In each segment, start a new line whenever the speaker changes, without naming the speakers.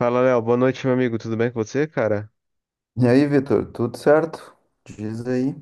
Fala, Léo. Boa noite, meu amigo. Tudo bem com você, cara?
E aí, Vitor, tudo certo? Diz aí.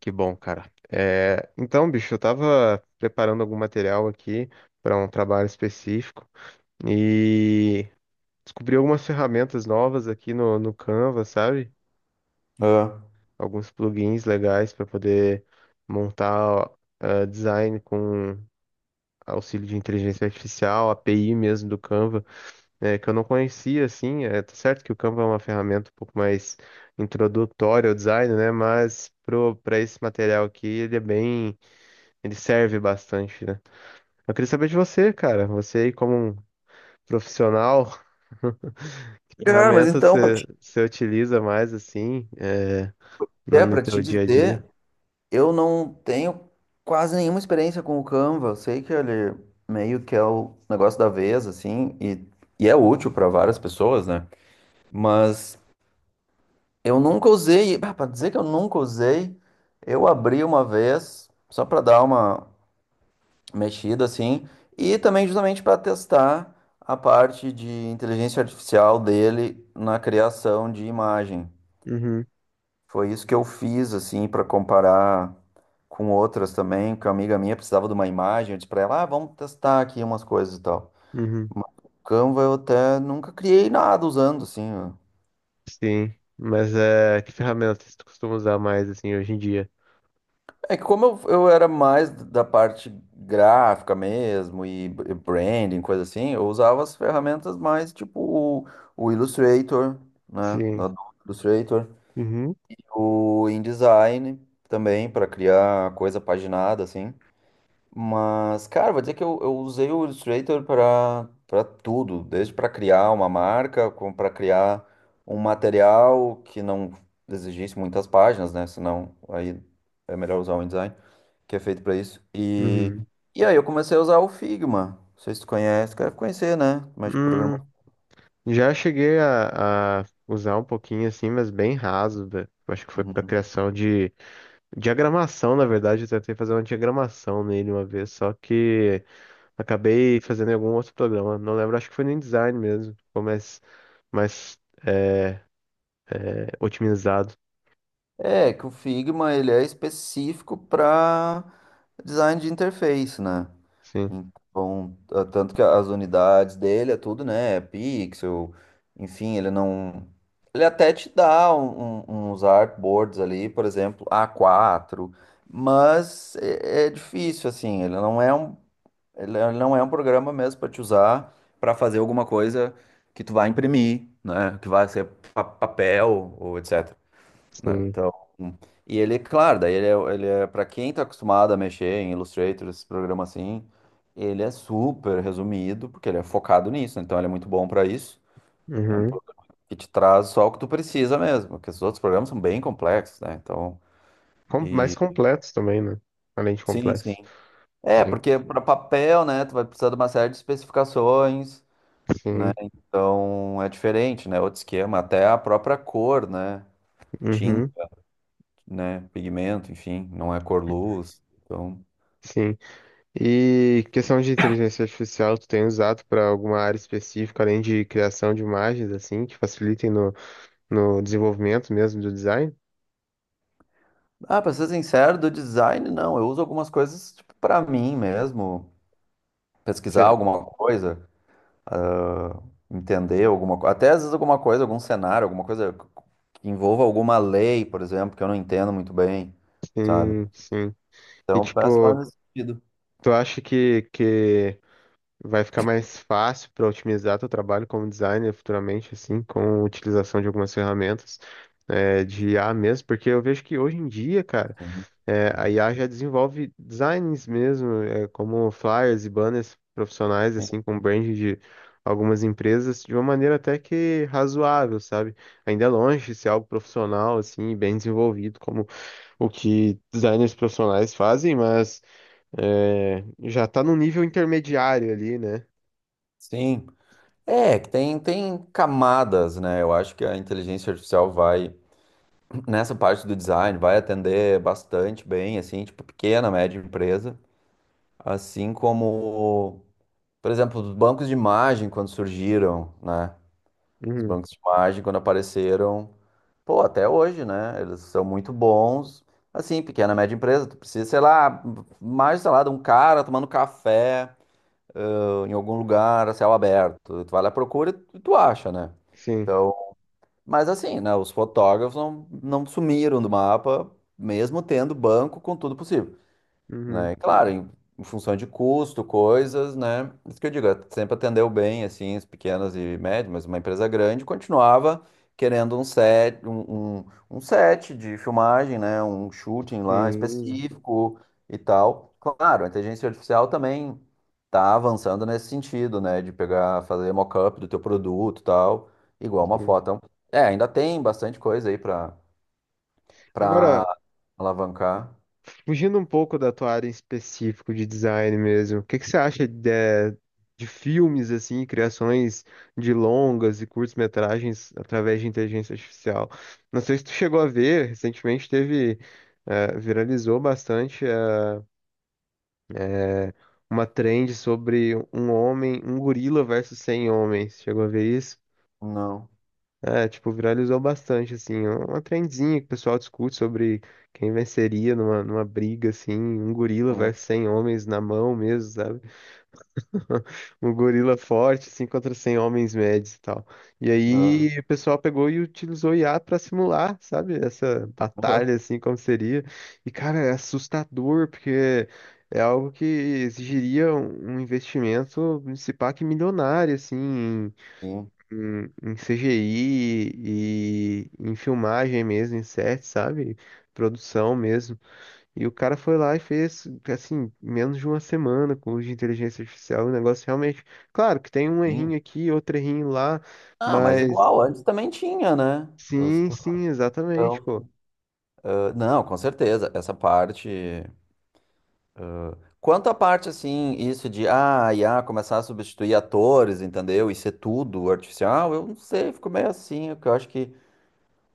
Que bom, cara. Então, bicho, eu tava preparando algum material aqui para um trabalho específico e descobri algumas ferramentas novas aqui no Canva, sabe?
Ah.
Alguns plugins legais para poder montar design com auxílio de inteligência artificial, API mesmo do Canva. Que eu não conhecia, assim, tá certo que o Canva é uma ferramenta um pouco mais introdutória ao design, né, mas pra esse material aqui, ele é bem, ele serve bastante, né. Eu queria saber de você, cara, você aí como um profissional, que
Cara, mas
ferramenta
então,
você, você utiliza mais, assim, no, no
para
teu
te
dia a
dizer,
dia?
eu não tenho quase nenhuma experiência com o Canva. Eu sei que ele meio que é o negócio da vez, assim, e é útil para várias pessoas, né? Mas eu nunca usei, para dizer que eu nunca usei, eu abri uma vez, só para dar uma, mexida assim, e também justamente para testar a parte de inteligência artificial dele na criação de imagem.
Uhum,
Foi isso que eu fiz assim para comparar com outras também, que uma amiga minha precisava de uma imagem, eu disse para ela, ah, vamos testar aqui umas coisas e tal.
uhum,
Mas o Canva eu até nunca criei nada usando assim.
sim, mas que ferramenta você costuma usar mais, assim, hoje em dia?
É que como eu era mais da parte gráfica mesmo e branding, coisa assim, eu usava as ferramentas mais tipo o Illustrator, né?
Sim.
Da Adobe Illustrator,
Uhum.
o InDesign também para criar coisa paginada assim. Mas, cara, vou dizer que eu usei o Illustrator para tudo, desde para criar uma marca, como para criar um material que não exigisse muitas páginas, né? Senão aí é melhor usar o InDesign, que é feito para isso. E,
Uhum.
e aí eu comecei a usar o Figma. Não sei se tu conhece, deve conhecer, né? Mas programa.
Hum, Já cheguei a usar um pouquinho assim, mas bem raso, né? Eu acho que foi para
Uhum.
criação de diagramação, na verdade. Eu tentei fazer uma diagramação nele uma vez, só que acabei fazendo em algum outro programa. Não lembro, acho que foi no InDesign mesmo. Ficou mais, mais é, otimizado.
É, que o Figma ele é específico para design de interface, né?
Sim,
Então, ah, tanto que as unidades dele é tudo, né? É pixel, enfim, ele não. Ele até te dá uns artboards ali, por exemplo, A4, mas é difícil, assim. Ele não é um, não é um programa mesmo para te usar para fazer alguma coisa que tu vai imprimir, né? Que vai ser papel ou etc, né?
sim.
Então, e ele, claro, daí ele é para quem tá acostumado a mexer em Illustrator, esses programas assim, ele é super resumido, porque ele é focado nisso, né? Então ele é muito bom para isso. É um
Uhum.
programa que te traz só o que tu precisa mesmo, porque os outros programas são bem complexos, né? Então,
Mais
e
completos também, né? Além de
sim,
complexos.
sim. É,
Sim,
porque para papel, né, tu vai precisar de uma série de especificações.
sim.
Então, é diferente, né? Outro esquema, até a própria cor, né? Tinta,
Uhum.
né? Pigmento, enfim, não é cor luz. Então,
Sim. E questão de inteligência artificial, tu tem usado para alguma área específica, além de criação de imagens, assim, que facilitem no desenvolvimento mesmo do design?
ah, pra ser sincero, do design, não. Eu uso algumas coisas, tipo, pra mim mesmo. Pesquisar
Cê-
alguma coisa, entender alguma coisa. Até às vezes alguma coisa, algum cenário, alguma coisa que envolva alguma lei, por exemplo, que eu não entendo muito bem, sabe?
Sim, sim. E,
Então, peço mais
tipo,
nesse sentido.
tu acha que vai ficar mais fácil para otimizar teu trabalho como designer futuramente, assim, com a utilização de algumas ferramentas, de IA mesmo? Porque eu vejo que hoje em dia, cara,
Uhum.
A IA já desenvolve designs mesmo, como flyers e banners profissionais, assim, com brand de algumas empresas, de uma maneira até que razoável, sabe? Ainda é longe de ser algo profissional, assim, e bem desenvolvido, como o que designers profissionais fazem, mas é, já está num nível intermediário ali, né?
Sim. É, que tem, tem camadas, né? Eu acho que a inteligência artificial vai, nessa parte do design, vai atender bastante bem, assim, tipo, pequena, média empresa, assim como. Por exemplo, os bancos de imagem, quando surgiram, né? Os
Uhum,
bancos de imagem, quando apareceram, pô, até hoje, né? Eles são muito bons. Assim, pequena, média empresa, tu precisa, sei lá, mais, sei lá, de um cara tomando café, em algum lugar, a céu aberto. Tu vai lá, procura e tu acha, né?
sim.
Então, mas assim, né? Os fotógrafos não, não sumiram do mapa, mesmo tendo banco com tudo possível,
Uhum,
né? E claro, em função de custo, coisas, né? Isso que eu digo, sempre atendeu bem, assim, as pequenas e médias, mas uma empresa grande continuava querendo um set, um set de filmagem, né? Um shooting lá
sim,
específico e tal. Claro, a inteligência artificial também tá avançando nesse sentido, né? De pegar, fazer mock-up do teu produto e tal, igual uma
sim.
foto. Então, é, ainda tem bastante coisa aí para
Agora,
alavancar.
fugindo um pouco da tua área em específico de design mesmo, o que que você acha de, de filmes, assim, criações de longas e curtas-metragens através de inteligência artificial? Não sei se tu chegou a ver, recentemente teve, viralizou bastante, eh, uma trend sobre um gorila versus 100 homens. Chegou a ver isso?
Não.
Tipo, viralizou bastante, assim, é uma trendzinha que o pessoal discute sobre quem venceria numa briga, assim, um gorila
Hum.
versus 100 homens na mão mesmo, sabe? Um gorila forte, assim, contra 100 homens médios e tal. E
Ah.
aí o pessoal pegou e utilizou IA pra simular, sabe? Essa batalha, assim, como seria. E, cara, é assustador, porque é algo que exigiria um investimento, se pá, que milionário, assim,
Sim,
em CGI e em filmagem mesmo, em set, sabe? Produção mesmo. E o cara foi lá e fez, assim, menos de uma semana com o de inteligência artificial. O negócio realmente. Claro que tem um
sim.
errinho aqui, outro errinho lá,
Ah, mas
mas.
igual, antes também tinha, né? Os
Sim, sim, exatamente,
portão.
pô.
Ah, não, com certeza, essa parte. Quanto à parte, assim, isso de IA começar a substituir atores, entendeu? E ser tudo artificial, eu não sei, fico meio assim, porque eu acho que,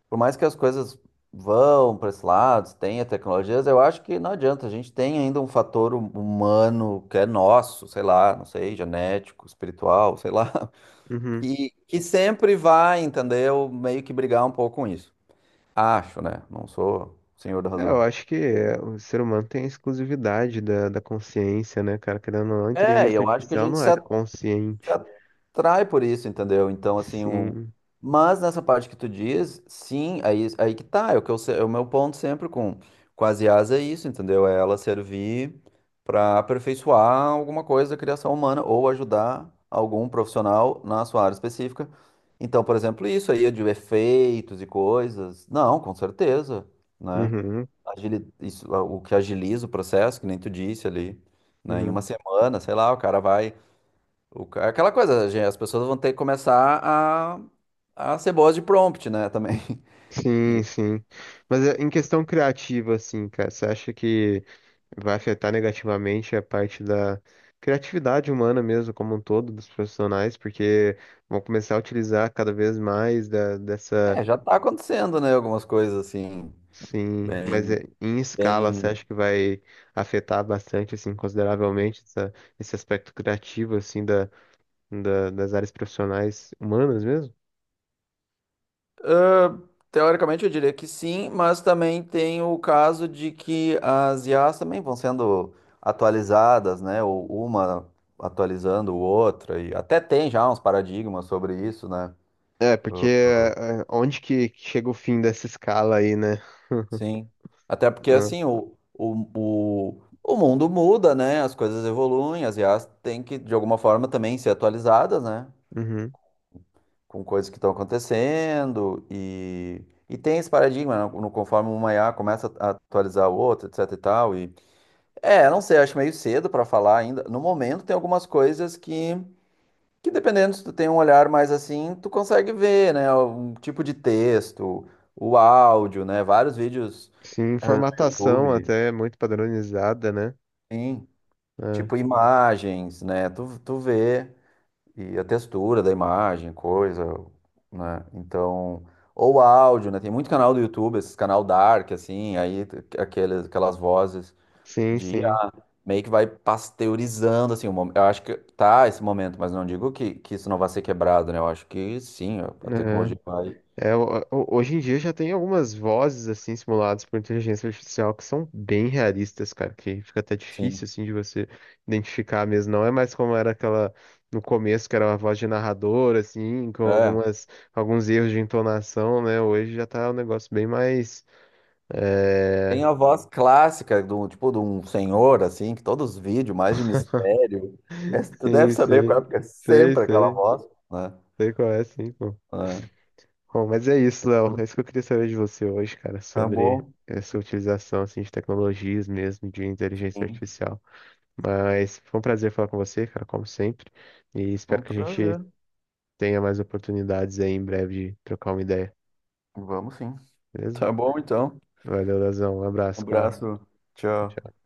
por mais que as coisas vão para esse lado, tenha tecnologias, eu acho que não adianta, a gente tem ainda um fator humano que é nosso, sei lá, não sei, genético, espiritual, sei lá.
Uhum.
Que sempre vai, entendeu? Meio que brigar um pouco com isso. Acho, né? Não sou senhor da
Eu
razão.
acho que o ser humano tem a exclusividade da consciência, né, cara? Querendo ou não, a
É, e
inteligência
eu acho que a
artificial
gente
não é
se
consciente.
atrai por isso, entendeu? Então, assim, o...
Sim.
Mas nessa parte que tu diz, sim, aí, aí que tá, é o que eu, se- é o meu ponto sempre com as IAs é isso, entendeu? É ela servir para aperfeiçoar alguma coisa da criação humana ou ajudar algum profissional na sua área específica. Então, por exemplo, isso aí de efeitos e coisas, não, com certeza, né?
Uhum,
Isso, o que agiliza o processo, que nem tu disse ali, né? Em
uhum.
uma semana, sei lá, o cara vai, aquela coisa, gente, as pessoas vão ter que começar a ser boas de prompt, né, também. E,
Sim, sim. Mas em questão criativa, assim, cara, você acha que vai afetar negativamente a parte da criatividade humana mesmo, como um todo, dos profissionais, porque vão começar a utilizar cada vez mais dessa,
já tá acontecendo, né, algumas coisas assim,
sim, mas
bem,
em escala, você
bem...
acha que vai afetar bastante, assim, consideravelmente esse aspecto criativo, assim, das áreas profissionais humanas mesmo?
Teoricamente eu diria que sim, mas também tem o caso de que as IAs também vão sendo atualizadas, né, ou uma atualizando o outra, e até tem já uns paradigmas sobre isso, né.
Porque onde que chega o fim dessa escala aí, né?
Sim. Até porque
Ah,
assim, o mundo muda, né? As coisas evoluem, as IAs têm que, de alguma forma, também ser atualizadas, né?
uhum.
Com coisas que estão acontecendo. E tem esse paradigma, né? No, conforme uma I a começa a atualizar a outra, etc e tal. E, não sei, acho meio cedo para falar ainda. No momento tem algumas coisas que dependendo se tu tem um olhar mais assim, tu consegue ver, né? Um tipo de texto, o áudio, né? Vários vídeos.
Sim,
eh, no
formatação
YouTube.
até é muito padronizada, né?
Sim,
É,
tipo imagens, né? Tu vê e a textura da imagem, coisa, né? Então, ou áudio, né? Tem muito canal do YouTube, esses canal dark, assim, aqueles, aquelas vozes
sim,
de
sim.
IA, meio que vai pasteurizando, assim, o mom- eu acho que tá esse momento, mas não digo que isso não vai ser quebrado, né? Eu acho que sim, a tecnologia vai,
É, hoje em dia já tem algumas vozes assim simuladas por inteligência artificial que são bem realistas, cara, que fica até difícil
sim.
assim de você identificar mesmo. Não é mais como era aquela no começo que era uma voz de narrador assim, com
É.
algumas alguns erros de entonação, né? Hoje já tá um negócio bem mais
Tem
é...
a voz clássica do tipo de um senhor assim, que todos os vídeos mais de mistério, é, tu deve
Sim,
saber qual é,
sim.
porque é
Sei,
sempre aquela
sei.
voz, né?
Sei qual é, sim, pô.
É.
Bom, mas é isso, Léo. É isso que eu queria saber de você hoje, cara,
Tá
sobre
bom.
essa utilização assim, de tecnologias mesmo, de inteligência
Sim.
artificial. Mas foi um prazer falar com você, cara, como sempre. E
Foi
espero
um
que a gente
prazer.
tenha mais oportunidades aí em breve de trocar uma ideia,
Vamos sim.
beleza?
Tá bom então.
Valeu, Leozão. Um
Um
abraço, cara.
abraço.
Tchau,
Tchau.
tchau.